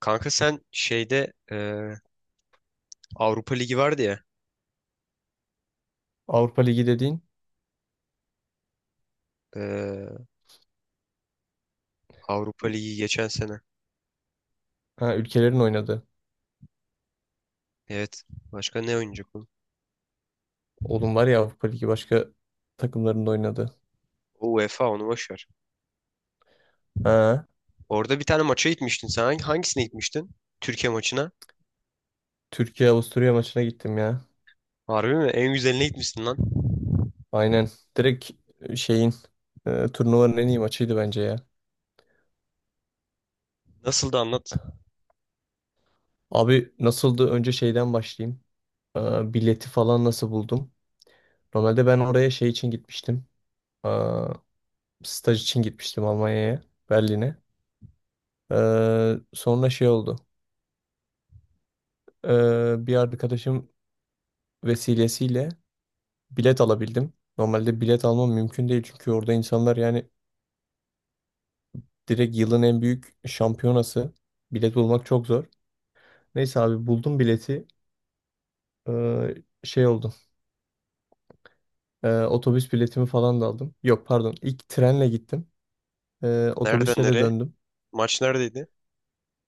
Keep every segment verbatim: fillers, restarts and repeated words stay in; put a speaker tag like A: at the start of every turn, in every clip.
A: Kanka sen şeyde e, Avrupa Ligi vardı ya.
B: Avrupa Ligi dediğin
A: e, Avrupa Ligi geçen sene.
B: ha, ülkelerin oynadı.
A: Evet. Başka ne oynayacak oğlum?
B: Oğlum var ya Avrupa Ligi başka takımların da oynadı.
A: O UEFA, onu boş ver.
B: Ha,
A: Orada bir tane maça gitmiştin sen. Hangi- Hangisine gitmiştin? Türkiye maçına.
B: Türkiye Avusturya maçına gittim ya.
A: Harbi mi? En güzeline gitmişsin lan.
B: Aynen. Direkt e, şeyin e, turnuvanın en iyi maçıydı bence ya.
A: Nasıl da anlat.
B: Abi nasıldı? Önce şeyden başlayayım. Aa, bileti falan nasıl buldum? Normalde ben oraya şey için gitmiştim. Aa, staj için gitmiştim Almanya'ya, Berlin'e. Ee, sonra şey oldu. Ee, bir arkadaşım vesilesiyle bilet alabildim. Normalde bilet almam mümkün değil çünkü orada insanlar yani direkt yılın en büyük şampiyonası. Bilet bulmak çok zor. Neyse abi buldum bileti. Ee, Şey oldu. Ee, otobüs biletimi falan da aldım. Yok pardon. İlk trenle gittim. Ee,
A: Nereden
B: otobüsle de
A: nereye?
B: döndüm.
A: Maç neredeydi?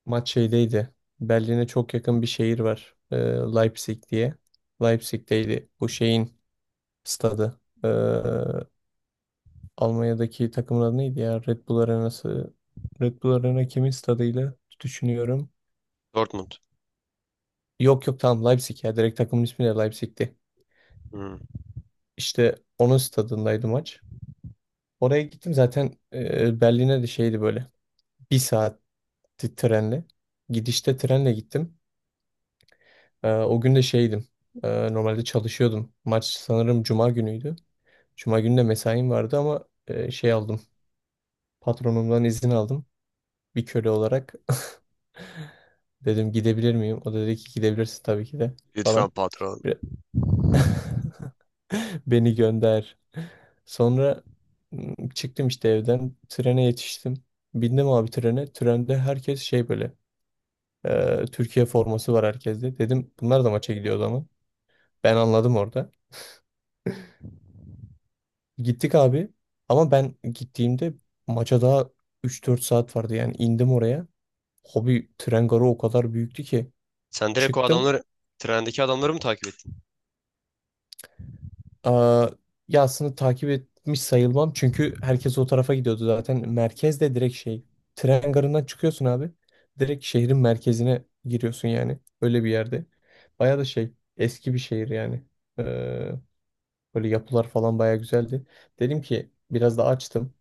B: Maç şeydeydi. Berlin'e çok yakın bir şehir var. Ee, Leipzig diye. Leipzig'teydi. Bu şeyin stadı. Ee, Almanya'daki takımın adı neydi ya? Red Bull Arena'sı. Red Bull Arena kimin stadıyla düşünüyorum.
A: Dortmund.
B: Yok yok tamam Leipzig ya. Direkt takımın ismi de Leipzig'ti.
A: Hmm.
B: İşte onun stadındaydı maç. Oraya gittim zaten e, Berlin'e de şeydi böyle. Bir saatti trenle. Gidişte trenle gittim. E, o gün de şeydim. E, normalde çalışıyordum. Maç sanırım Cuma günüydü. Cuma günü de mesaim vardı ama e, şey aldım. Patronumdan izin aldım. Bir köle olarak. Dedim gidebilir miyim? O da dedi ki gidebilirsin tabii ki de
A: Lütfen
B: falan.
A: patron.
B: Bir- Beni gönder. Sonra m, çıktım işte evden. Trene yetiştim. Bindim abi trene. Trende herkes şey böyle. e, Türkiye forması var herkeste. Dedim bunlar da maça gidiyor o zaman. Ben anladım orada. Gittik abi. Ama ben gittiğimde maça daha üç dört saat vardı. Yani indim oraya. Hobi tren garı o kadar büyüktü ki.
A: Sen direkt o
B: Çıktım.
A: adamları, trendeki adamları mı takip ettin?
B: Aa, ya aslında takip etmiş sayılmam. Çünkü herkes o tarafa gidiyordu zaten. Merkezde direkt şey. Tren garından çıkıyorsun abi. Direkt şehrin merkezine giriyorsun yani. Öyle bir yerde. Baya da şey. Eski bir şehir yani. Ee, Böyle yapılar falan baya güzeldi. Dedim ki biraz da açtım.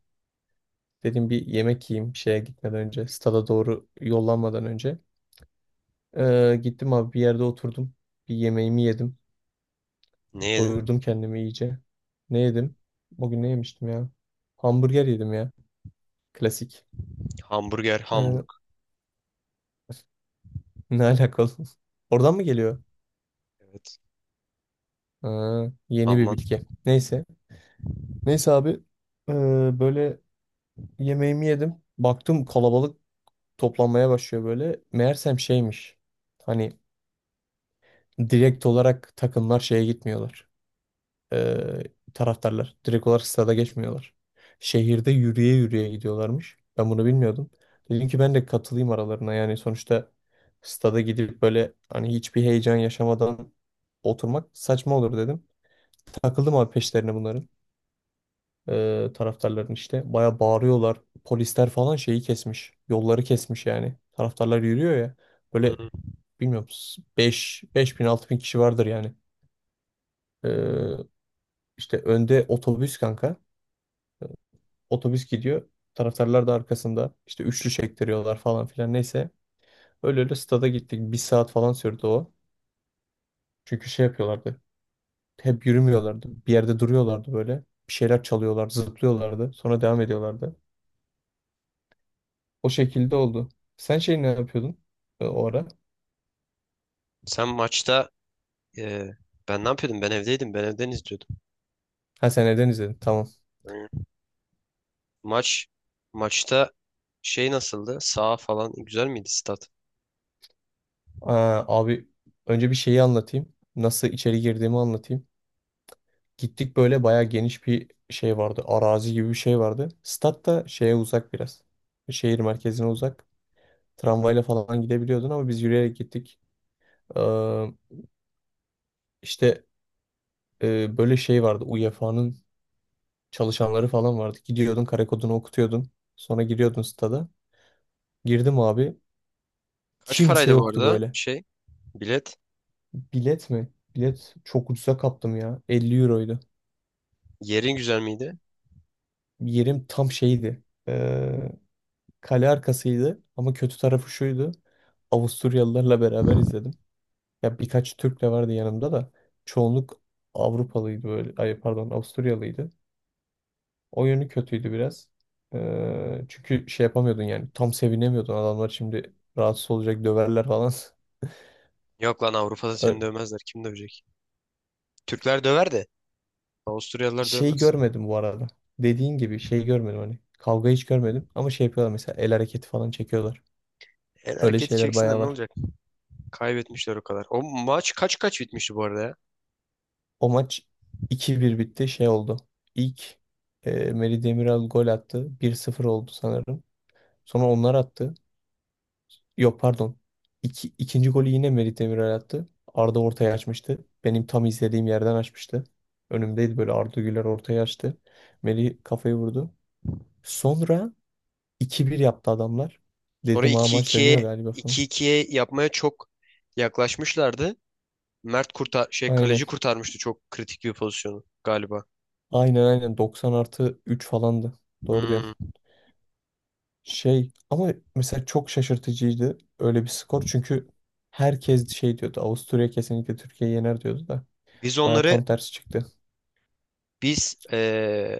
B: Dedim bir yemek yiyeyim şeye gitmeden önce. Stada doğru yollanmadan önce. Ee, gittim abi bir yerde oturdum. Bir yemeğimi yedim.
A: Ne yedin?
B: Doyurdum kendimi iyice. Ne yedim? O gün ne yemiştim ya? Hamburger yedim ya. Klasik.
A: Hamburger,
B: Ee,
A: Hamburg.
B: Ne alakalı? Oradan mı geliyor?
A: Evet.
B: Aa, yeni bir
A: Alman.
B: bilgi. Neyse. Neyse abi. ee, Böyle yemeğimi yedim. Baktım kalabalık toplanmaya başlıyor böyle. Meğersem şeymiş. Hani direkt olarak takımlar şeye gitmiyorlar. eee, Taraftarlar. Direkt olarak stada geçmiyorlar. Şehirde yürüye yürüye gidiyorlarmış. Ben bunu bilmiyordum. Dedim ki ben de katılayım aralarına. Yani sonuçta stada gidip böyle hani hiçbir heyecan yaşamadan oturmak saçma olur dedim. Takıldım abi peşlerine bunların. Eee taraftarların işte. Baya bağırıyorlar. Polisler falan şeyi kesmiş. Yolları kesmiş yani. Taraftarlar yürüyor ya. Böyle
A: Hmm.
B: bilmiyorum, Beş beş bin altı bin kişi vardır yani. Eee işte önde otobüs kanka. Otobüs gidiyor. Taraftarlar da arkasında. İşte üçlü çektiriyorlar falan filan. Neyse. Öyle öyle stada gittik. Bir saat falan sürdü o. Çünkü şey yapıyorlardı. Hep yürümüyorlardı. Bir yerde duruyorlardı böyle. Bir şeyler çalıyorlardı, zıplıyorlardı. Sonra devam ediyorlardı. O şekilde oldu. Sen şey ne yapıyordun e, o ara?
A: Sen maçta Ee, ben ne yapıyordum? Ben evdeydim. Ben evden izliyordum.
B: Ha sen neden izledin? Tamam.
A: Hı. Maç maçta şey nasıldı? Sağ falan güzel miydi stat?
B: Aa, abi önce bir şeyi anlatayım. Nasıl içeri girdiğimi anlatayım. Gittik böyle bayağı geniş bir şey vardı. Arazi gibi bir şey vardı. Stat da şeye uzak biraz. Şehir merkezine uzak. Tramvayla falan gidebiliyordun ama biz yürüyerek gittik. Ee, işte e, böyle şey vardı. UEFA'nın çalışanları falan vardı. Gidiyordun kare kodunu okutuyordun. Sonra giriyordun stada. Girdim abi.
A: Kaç
B: Kimse
A: paraydı bu
B: yoktu
A: arada
B: böyle.
A: şey bilet?
B: Bilet mi? Bilet çok ucuza kaptım ya. elli euroydu.
A: Yerin güzel miydi?
B: Yerim tam şeydi. Ee, Kale arkasıydı. Ama kötü tarafı şuydu. Avusturyalılarla beraber izledim. Ya birkaç Türk de vardı yanımda da. Çoğunluk Avrupalıydı böyle. Ay pardon Avusturyalıydı. O yönü kötüydü biraz. Ee, çünkü şey yapamıyordun yani. Tam sevinemiyordun. Adamlar şimdi rahatsız olacak döverler falan.
A: Yok lan, Avrupa'da seni
B: Ö-
A: dövmezler. Kim dövecek? Türkler döver de Avusturyalılar
B: Şey
A: dövmez.
B: görmedim bu arada. Dediğin gibi şey görmedim hani. Kavga hiç görmedim. Ama şey yapıyorlar mesela el hareketi falan çekiyorlar.
A: El
B: Öyle
A: hareketi
B: şeyler
A: çeksinler
B: bayağı
A: ne
B: var.
A: olacak? Kaybetmişler o kadar. O maç kaç kaç bitmişti bu arada ya?
B: O maç iki bir bitti. Şey oldu. İlk e, Melih Demiral gol attı. Bir sıfır oldu sanırım. Sonra onlar attı. Yok pardon. İki, ikinci golü yine Merih Demiral attı. Arda ortaya açmıştı. Benim tam izlediğim yerden açmıştı. Önümdeydi böyle Arda Güler ortaya açtı. Merih kafayı vurdu. Sonra iki bir yaptı adamlar.
A: Sonra
B: Dedim ha maç dönüyor
A: iki ikiye
B: galiba falan.
A: iki ikiye yapmaya çok yaklaşmışlardı. Mert kurtar şey
B: Aynen.
A: kaleci kurtarmıştı çok kritik bir pozisyonu galiba.
B: Aynen aynen doksan artı üç falandı. Doğru
A: Hmm.
B: diyorsun. Şey ama mesela çok şaşırtıcıydı öyle bir skor. Çünkü herkes şey diyordu. Avusturya kesinlikle Türkiye'yi yener diyordu da.
A: Biz
B: Baya
A: onları
B: tam tersi çıktı.
A: biz eee,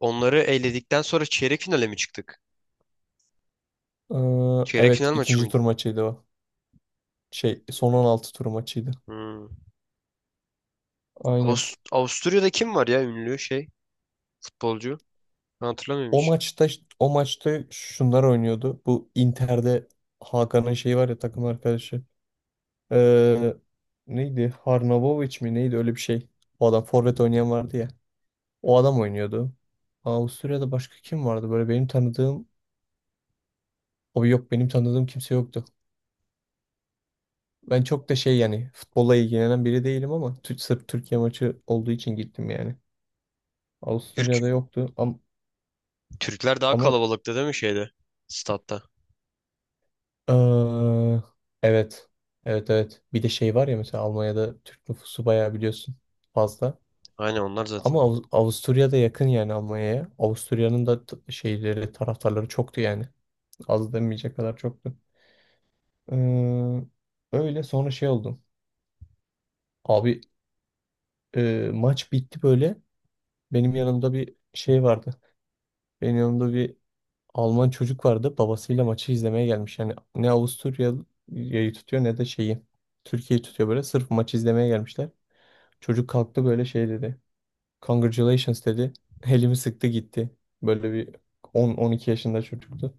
A: onları eledikten sonra çeyrek finale mi çıktık?
B: Ee,
A: Çeyrek
B: Evet
A: final maçı
B: ikinci tur
A: mıydı?
B: maçıydı o. Şey son on altı tur maçıydı.
A: Hmm.
B: Aynen.
A: Avust- Avusturya'da kim var ya ünlü şey futbolcu? Ben hatırlamıyorum
B: O
A: hiç.
B: maçta o maçta şunlar oynuyordu. Bu Inter'de Hakan'ın şeyi var ya takım arkadaşı. Ee, Neydi? Harnavovic mi? Neydi öyle bir şey. O adam forvet oynayan vardı ya. O adam oynuyordu. Avusturya'da başka kim vardı? Böyle benim tanıdığım o yok benim tanıdığım kimse yoktu. Ben çok da şey yani futbolla ilgilenen biri değilim ama Tü- sırf Türkiye maçı olduğu için gittim yani.
A: Türk
B: Avusturya'da yoktu ama,
A: Türkler daha
B: ama
A: kalabalıktı değil mi şeyde? Statta.
B: Aa, evet. Evet evet. Bir de şey var ya mesela Almanya'da Türk nüfusu bayağı biliyorsun fazla.
A: Aynen, onlar zaten.
B: Ama Av- Avusturya'da yakın yani Almanya'ya. Avusturya'nın da t- şeyleri, taraftarları çoktu yani. Az demeyecek kadar çoktu. Ee, Öyle sonra şey oldum. Abi e, maç bitti böyle. Benim yanımda bir şey vardı. Benim yanımda bir Alman çocuk vardı. Babasıyla maçı izlemeye gelmiş. Yani ne Avusturya'yı tutuyor ne de şeyi. Türkiye'yi tutuyor böyle. Sırf maç izlemeye gelmişler. Çocuk kalktı böyle şey dedi. Congratulations dedi. Elimi sıktı gitti. Böyle bir on on iki yaşında çocuktu.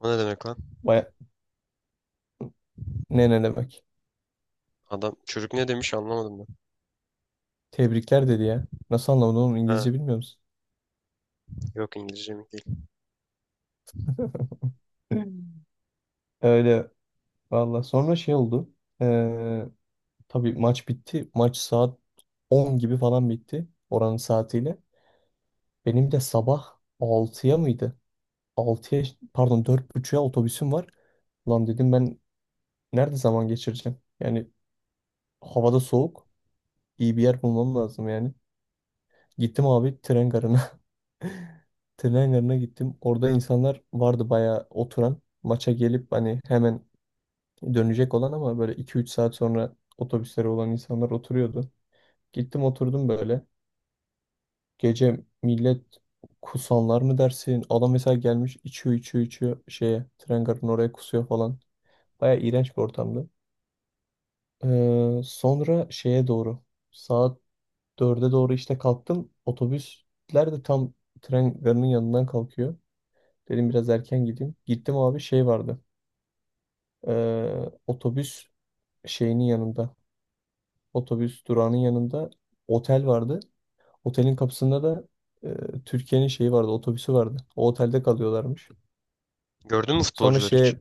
A: O ne demek lan?
B: Baya ne ne demek.
A: Adam çocuk ne demiş, anlamadım ben.
B: Tebrikler dedi ya. Nasıl anlamadın oğlum
A: Ha,
B: İngilizce bilmiyor musun?
A: yok, İngilizce mi değil.
B: Hmm. Öyle valla. Sonra şey oldu. Ee, tabii maç bitti. Maç saat on gibi falan bitti. Oranın saatiyle. Benim de sabah altıya mıydı? altıya pardon dört otuza otobüsüm var. Lan dedim ben nerede zaman geçireceğim? Yani havada soğuk. İyi bir yer bulmam lazım yani. Gittim abi tren garına. Tren garına gittim. Orada insanlar vardı bayağı oturan. Maça gelip hani hemen dönecek olan ama böyle iki üç saat sonra otobüslere olan insanlar oturuyordu. Gittim oturdum böyle. Gece millet kusanlar mı dersin? Adam mesela gelmiş içiyor içiyor içiyor şeye tren garının oraya kusuyor falan. Bayağı iğrenç bir ortamdı. Ee, sonra şeye doğru saat dörde doğru işte kalktım. Otobüsler de tam tren garının yanından kalkıyor. Dedim biraz erken gideyim. Gittim abi şey vardı. Ee, otobüs şeyinin yanında. Otobüs durağının yanında otel vardı. Otelin kapısında da e, Türkiye'nin şeyi vardı. Otobüsü vardı. O otelde kalıyorlarmış.
A: Gördün mü
B: Sonra
A: futbolcuları hiç?
B: şey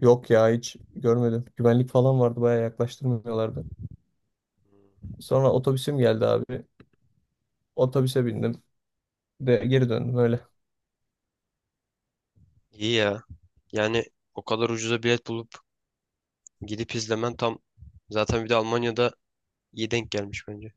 B: yok ya hiç görmedim. Güvenlik falan vardı. Bayağı yaklaştırmıyorlardı.
A: Hmm.
B: Sonra otobüsüm geldi abi. Otobüse bindim. De geri döndüm öyle.
A: İyi ya. Yani o kadar ucuza bilet bulup gidip izlemen tam, zaten bir de Almanya'da iyi denk gelmiş bence.